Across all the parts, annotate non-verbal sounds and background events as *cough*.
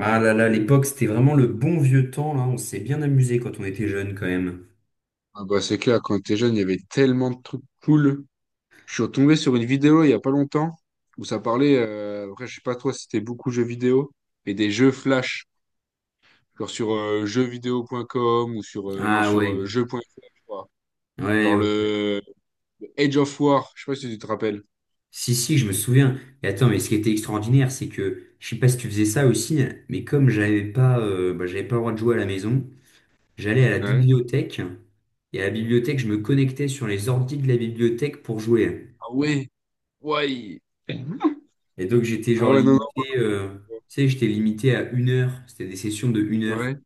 Ah là là, l'époque, c'était vraiment le bon vieux temps, là. On s'est bien amusé quand on était jeune, quand même. Ah bah, c'est clair, quand t'es jeune, il y avait tellement de trucs cool. Je suis retombé sur une vidéo il y a pas longtemps où ça parlait, après je sais pas toi si c'était beaucoup jeux vidéo, mais des jeux flash, genre sur jeuxvideo.com ou sur, non, Ah sur ouais, jeux.fr, je crois. ouais, Genre ouais. le, le Age of War, je sais pas si tu te rappelles. Si, si, je me souviens. Et attends, mais ce qui était extraordinaire, c'est que, je sais pas si tu faisais ça aussi, mais comme j'avais pas, bah, j'avais pas le droit de jouer à la maison, j'allais à la Ouais. bibliothèque, et à la bibliothèque, je me connectais sur les ordi de la bibliothèque pour jouer. Ah ouais, ouais. Et donc, j'étais Ah genre ouais, non, non, moi. limité, tu sais, j'étais limité à 1 heure. C'était des sessions de 1 heure. Ouais.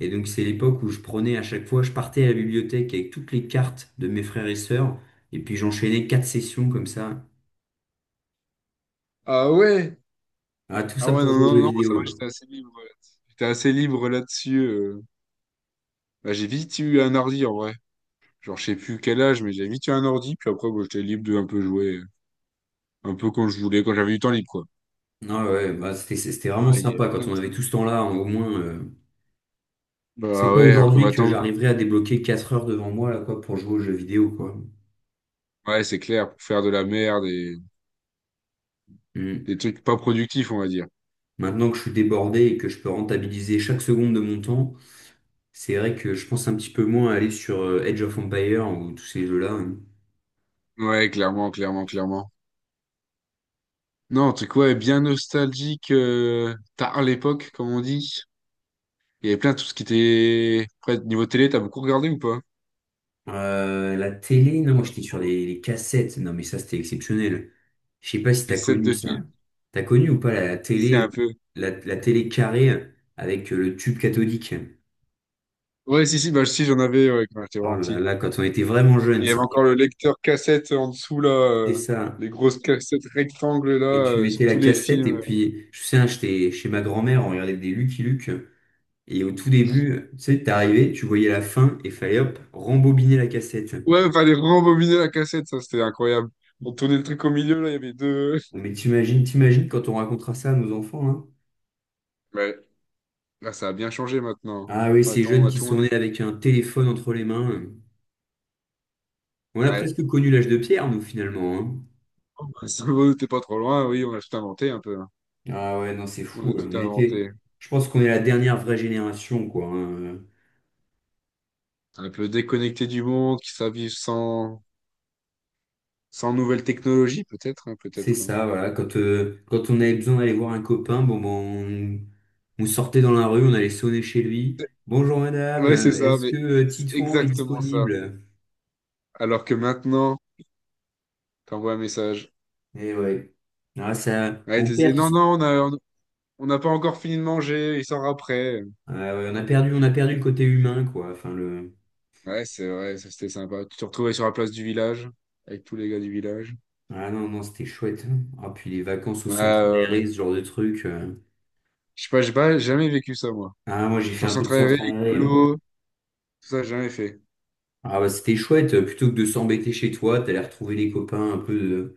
Et donc, c'est l'époque où je prenais à chaque fois, je partais à la bibliothèque avec toutes les cartes de mes frères et sœurs, et puis j'enchaînais quatre sessions comme ça. Ah ouais. Ah, tout Ah ça ouais, pour non, jouer aux non, jeux non, moi, ça va, vidéo. j'étais assez libre, ouais. J'étais assez libre là-dessus. Bah, j'ai vite eu un ordi en vrai. Genre, je sais plus quel âge, mais j'avais vite eu un ordi, puis après, bon, j'étais libre de un peu jouer, un peu quand je voulais, quand j'avais du temps libre, quoi. Ah ouais, bah c'était Ah, vraiment il y avait sympa quand plein de on avait trucs. tout ce temps-là, hein, au moins. C'est Bah pas ouais, alors que aujourd'hui que maintenant, j'arriverai à débloquer 4 heures devant moi là, quoi, pour jouer aux jeux vidéo, quoi. ouais, c'est clair, pour faire de la merde et Mm. des trucs pas productifs, on va dire. Maintenant que je suis débordé et que je peux rentabiliser chaque seconde de mon temps, c'est vrai que je pense un petit peu moins à aller sur Age of Empire ou tous ces jeux-là, hein. Ouais, clairement, clairement, clairement. Non, un truc, ouais, bien nostalgique, tard l'époque, comme on dit. Il y avait plein de tout ce qui était... Après, niveau télé, t'as beaucoup regardé ou pas? La télé, non, moi Pas j'étais sur trop. les cassettes. Non, mais ça c'était exceptionnel. Je sais pas si t'as Les sets connu de ça. films? T'as connu ou pas la Si, si, télé, le- un peu. la, la télé carrée avec le tube cathodique? Ouais, si, si, bah si, j'en avais, ouais, quand j'étais Oh vraiment là petit. là, quand on était vraiment jeune, Il y avait ça, encore le lecteur cassette en dessous, là. c'était ça. Les grosses cassettes rectangles, là, Et tu mettais sur la tous les cassette films. et puis, je sais, hein, j'étais chez ma grand-mère, on regardait des Lucky Luke. Et au tout début, tu sais, t'arrivais, tu voyais la fin et fallait hop, rembobiner la cassette. Ouais, fallait rembobiner la cassette, ça, c'était incroyable. On tournait le truc au milieu, là, il y avait deux... Bon, mais t'imagines quand on racontera ça à nos enfants, hein. Ouais, là, ça a bien changé, maintenant. Ah oui, ces Attends, on jeunes a qui tout... sont nés avec un téléphone entre les mains. On a Ouais. presque connu l'âge de pierre, nous, finalement, hein. *laughs* Ça va, t'es *laughs* pas trop loin, oui, on a tout inventé, un peu, hein. Ah ouais, non, c'est On fou. a tout On inventé. était... Je pense qu'on est la dernière vraie génération, quoi, hein. Un peu déconnecté du monde, qui s'habille sans... sans nouvelles technologies, peut-être, hein, C'est peut-être, hein. ça, voilà. Quand on avait besoin d'aller voir un copain, bon, bon, on sortait dans la rue, on allait sonner chez lui. Bonjour madame, Ouais, c'est ça, est-ce mais que c'est Titouan est exactement ça. disponible? Alors que maintenant, t'envoies un message. Eh ouais. Ah, ça, Ouais, il te disait, non, non, on n'a pas encore fini de manger, il sort après. Ah ouais, on a perdu le côté humain, quoi. Enfin. Ouais, c'est vrai, ça c'était sympa. Tu te retrouvais sur la place du village, avec tous les gars du village. Ah non, non, c'était chouette, hein. Ah, puis les vacances au Ouais, centre ouais, aéré, ouais, ce genre de truc. Je sais pas, j'ai pas jamais vécu ça, moi. Ah, moi, j'ai fait Genre un sans peu de travailler, centre aéré. écolo, tout ça, j'ai jamais fait. Ah, bah, c'était chouette. Plutôt que de s'embêter chez toi, t'allais retrouver les copains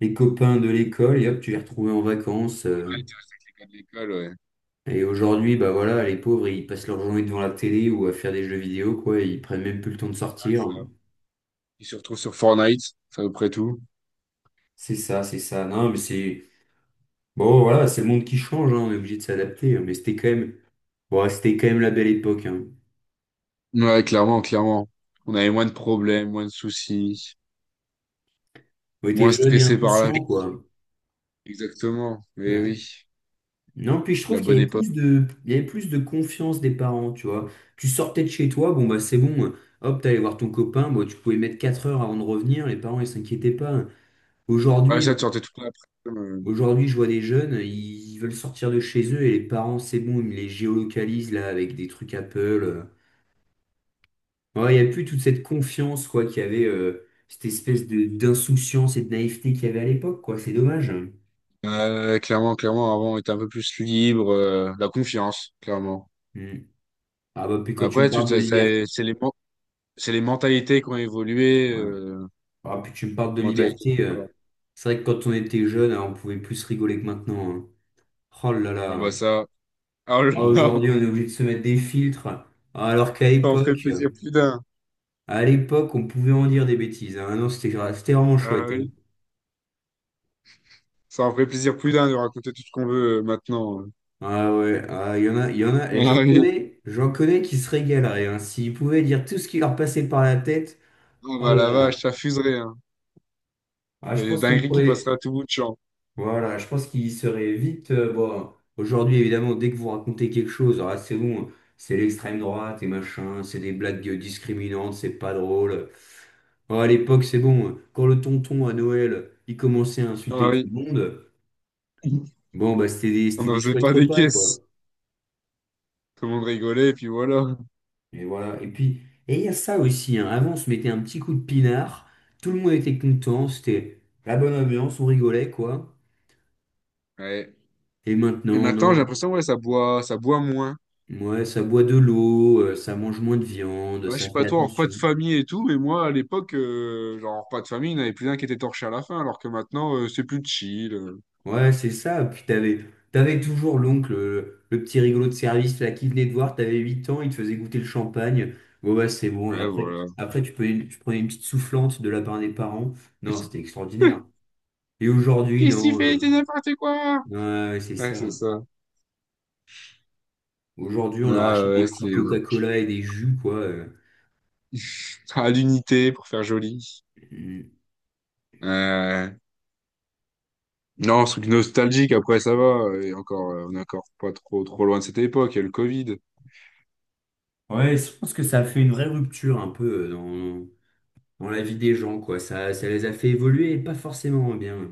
les copains de l'école et hop, tu les retrouvais en vacances. Les gars de l'école, ouais. Et aujourd'hui, bah voilà, les pauvres, ils passent leur journée devant la télé ou à faire des jeux vidéo, quoi. Ils prennent même plus le temps de Ouais, sortir. ça. Ils se retrouvent sur Fortnite, c'est à peu près tout. C'est ça, c'est ça. Non, mais c'est... Bon, voilà, c'est le monde qui change, hein. On est obligé de s'adapter, hein. Mais c'était quand même... Bon, c'était quand même la belle époque, hein. Ouais, clairement, clairement. On avait moins de problèmes, moins de soucis, On était moins jeunes et stressé par la vie. insouciants, quoi. Exactement, mais Ouais. oui, Non, puis je trouve la qu'bonne époque. Il y avait plus de confiance des parents, tu vois. Tu sortais de chez toi, bon bah c'est bon, hop, t'allais voir ton copain, bon, tu pouvais mettre 4 heures avant de revenir, les parents ils s'inquiétaient pas. Ouais, Aujourd'hui, là, ça, tu sortais toute l'après-midi. aujourd'hui, je vois des jeunes, ils veulent sortir de chez eux et les parents, c'est bon, ils me les géolocalisent là avec des trucs Apple. Ouais, il n'y a plus toute cette confiance, quoi, qu'il y avait, cette espèce de d'insouciance et de naïveté qu'il y avait à l'époque, quoi, c'est dommage. Clairement, clairement, avant, on était un peu plus libre, la confiance, clairement. Mm. Ah bah puis quand tu me Après, tout parles de ça, ça- liberté. c'est les, men- c'est les mentalités qui ont évolué, Ouais. Ah, puis tu me parles de mentalité du liberté. corps. C'est vrai que quand on était jeune, hein, on pouvait plus rigoler que maintenant, hein. Oh là Ah là. bah ça, *laughs* ah là Ah, là, aujourd'hui, on est obligé de se mettre des filtres. Ah, alors qu'ça en ferait plaisir plus d'un. à l'époque, on pouvait en dire des bêtises, hein. Ah non, c'était vraiment Ah chouette, hein. oui, ça en ferait plaisir plus d'un de raconter tout ce qu'on veut maintenant. Ah ouais, ah, il y en a, et j'en Ah oui, connais, j'en connais qui se régaleraient, hein. S'ils pouvaient dire tout ce qui leur passait par la tête, ah oh bah là la là. vache, ça fuserait, hein. Ah, je Et pense qu'on dinguerie qui passerait à pourrait. tout bout de champ. Voilà, je pense qu'il serait vite. Bon, aujourd'hui, évidemment, dès que vous racontez quelque chose, alors là, c'est bon, c'est l'extrême droite et machin, c'est des blagues discriminantes, c'est pas drôle. Oh, à l'époque, c'est bon, quand le tonton à Noël, il commençait à Ah insulter tout le oui, monde, *laughs* bon, bah, on c'était n'en des faisait chouettes pas des repas, quoi. caisses. Tout le monde rigolait, et puis voilà. Et voilà. Et puis il y a ça aussi, hein. Avant, on se mettait un petit coup de pinard, tout le monde était content, c'était la bonne ambiance, on rigolait, quoi. Ouais. Et Et maintenant, maintenant, j'ai non. l'impression, ouais, ça boit moins. Ouais, ça boit de l'eau, ça mange moins de viande, Ouais, je ça sais fait pas toi, en repas de attention. famille et tout, mais moi à l'époque, genre en repas de famille, il n'y en avait plus d'un qui était torché à la fin, alors que maintenant, c'est plus chill. Ouais, c'est ça. Puis t'avais toujours l'oncle, le petit rigolo de service là qui venait te voir, t'avais 8 ans, il te faisait goûter le champagne. Bon, bah c'est bon. Et Ouais, voilà. après tu prenais une petite soufflante de la part des parents. Et Non, c'est- c'était extraordinaire. Et aujourd'hui, Qu'est-ce qu'il non. fait? C'est n'importe quoi! Ouais, ouais, c'est Ouais, ça. c'est ça. Aujourd'hui, on leur Ah achète des ouais, petits c'est Coca-Cola et des jus, quoi. À l'unité pour faire joli. Mm. Euh, Non, ce truc nostalgique, après ça va. Et encore, on est encore pas trop trop loin de cette époque, il y a le Covid. Ouais, je pense que ça a fait une vraie rupture un peu dans la vie des gens, quoi. Ça les a fait évoluer et pas forcément en bien.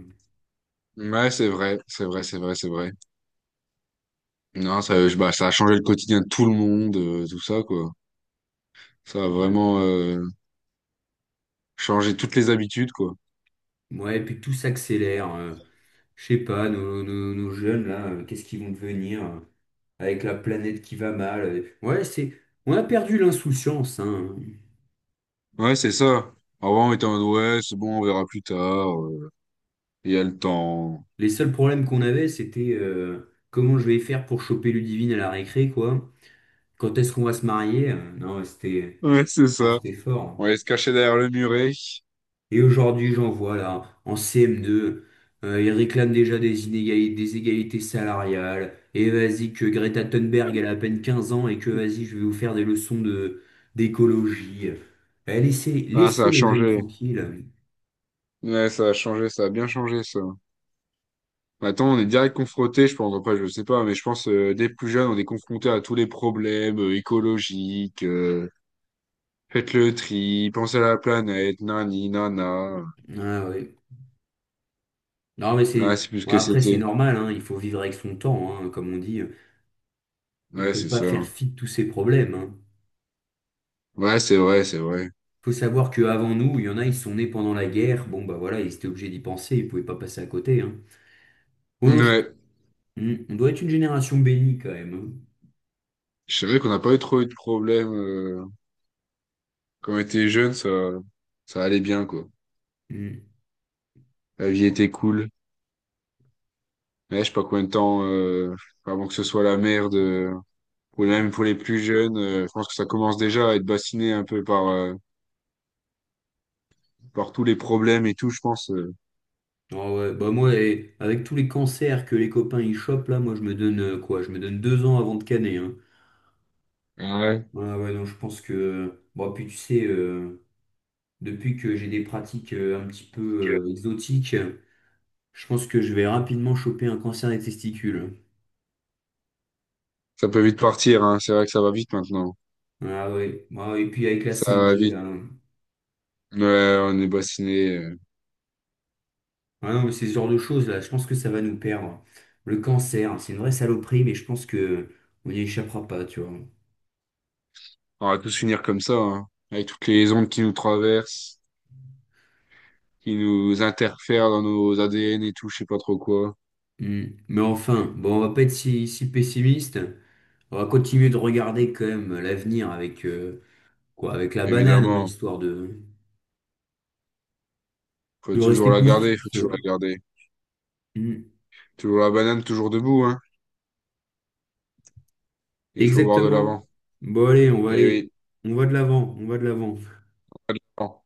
Ouais, c'est vrai, c'est vrai, c'est vrai, c'est vrai. Non, ça, je- bah, ça a changé le quotidien de tout le monde, tout ça, quoi. Ça a Ouais, vraiment changé toutes les habitudes, quoi. ouais, et puis tout s'accélère. Je sais pas, nos jeunes, là, qu'est-ce qu'ils vont devenir avec la planète qui va mal. Ouais, c'est, on a perdu l'insouciance, hein. Ouais, c'est ça. Avant, on était en mode, ouais, c'est bon, on verra plus tard. Il y a le temps. Les seuls problèmes qu'on avait, c'était comment je vais faire pour choper Ludivine à la récré, quoi. Quand est-ce qu'on va se marier? Non, Ouais, c'est ça. c'était, fort, On hein. allait se cacher derrière le muret. Et aujourd'hui, j'en vois là, en CM2, ils réclament déjà des inégalités, des égalités salariales. Et vas-y, que Greta Thunberg, elle a à peine 15 ans et que vas-y, je vais vous faire des leçons d'écologie. Eh, Ah, ça laissez a les jeunes changé. tranquilles. Ouais, ça a changé, ça a bien changé, ça. Maintenant, on est direct confronté, je pense, après, je sais pas, mais je pense, dès plus jeune, on est confronté à tous les problèmes écologiques. Faites le tri, pensez à la planète, nani, nana. Ah, ouais. Non, mais c'est, Ah c'est plus ce bon, que après, c'est c'était. normal, hein, il faut vivre avec son temps, hein, comme on dit. On ne Ouais, peut c'est pas faire ça. fi de tous ces problèmes, hein. Ouais, c'est vrai, c'est vrai. Faut savoir qu'avant nous, il y en a, ils sont nés pendant la guerre. Bon, bah voilà, ils étaient obligés d'y penser, ils ne pouvaient pas passer à côté, hein. Bon, non, je Ouais. Hmm, On doit être une génération bénie quand même, hein. C'est vrai qu'on n'a pas eu trop eu de problèmes. Quand on était jeune, ça allait bien, quoi. Hmm. La vie était cool. Mais je sais pas combien de temps, avant que ce soit la merde, ou même pour les plus jeunes, je pense que ça commence déjà à être bassiné un peu par, par tous les problèmes et tout, je pense. Ah ouais, bah moi, eh, avec tous les cancers que les copains ils chopent là, moi je me donne quoi? Je me donne 2 ans avant de caner, hein. Ah ouais. Ouais, ouais, non, je pense que. Bon, puis tu sais, depuis que j'ai des pratiques un petit Que peu exotiques, je pense que je vais rapidement choper un cancer des testicules, ça peut vite partir, hein. C'est vrai que ça va vite maintenant. hein. Ah ouais, ah, ouais, et puis avec la Ça cinq va g vite. là, hein. Ouais, on est bassiné. Ah non, mais c'est ce genre de choses là, je pense que ça va nous perdre. Le cancer, c'est une vraie saloperie, mais je pense que on n'y échappera pas, tu vois. On va tous finir comme ça, hein. Avec toutes les ondes qui nous traversent, qui nous interfèrent dans nos ADN et tout, je sais pas trop quoi. Hmm. Mais enfin, bon, on va pas être si pessimiste. On va continuer de regarder quand même l'avenir avec, quoi, avec la banane, hein, Évidemment, histoire faut de toujours rester la garder, positif. faut toujours la garder. Hmm. Toujours la banane, toujours debout, hein. Il faut voir de l'avant. Exactement. Bon, allez, on va Eh aller. oui. On va de l'avant, on va de l'avant. Bon.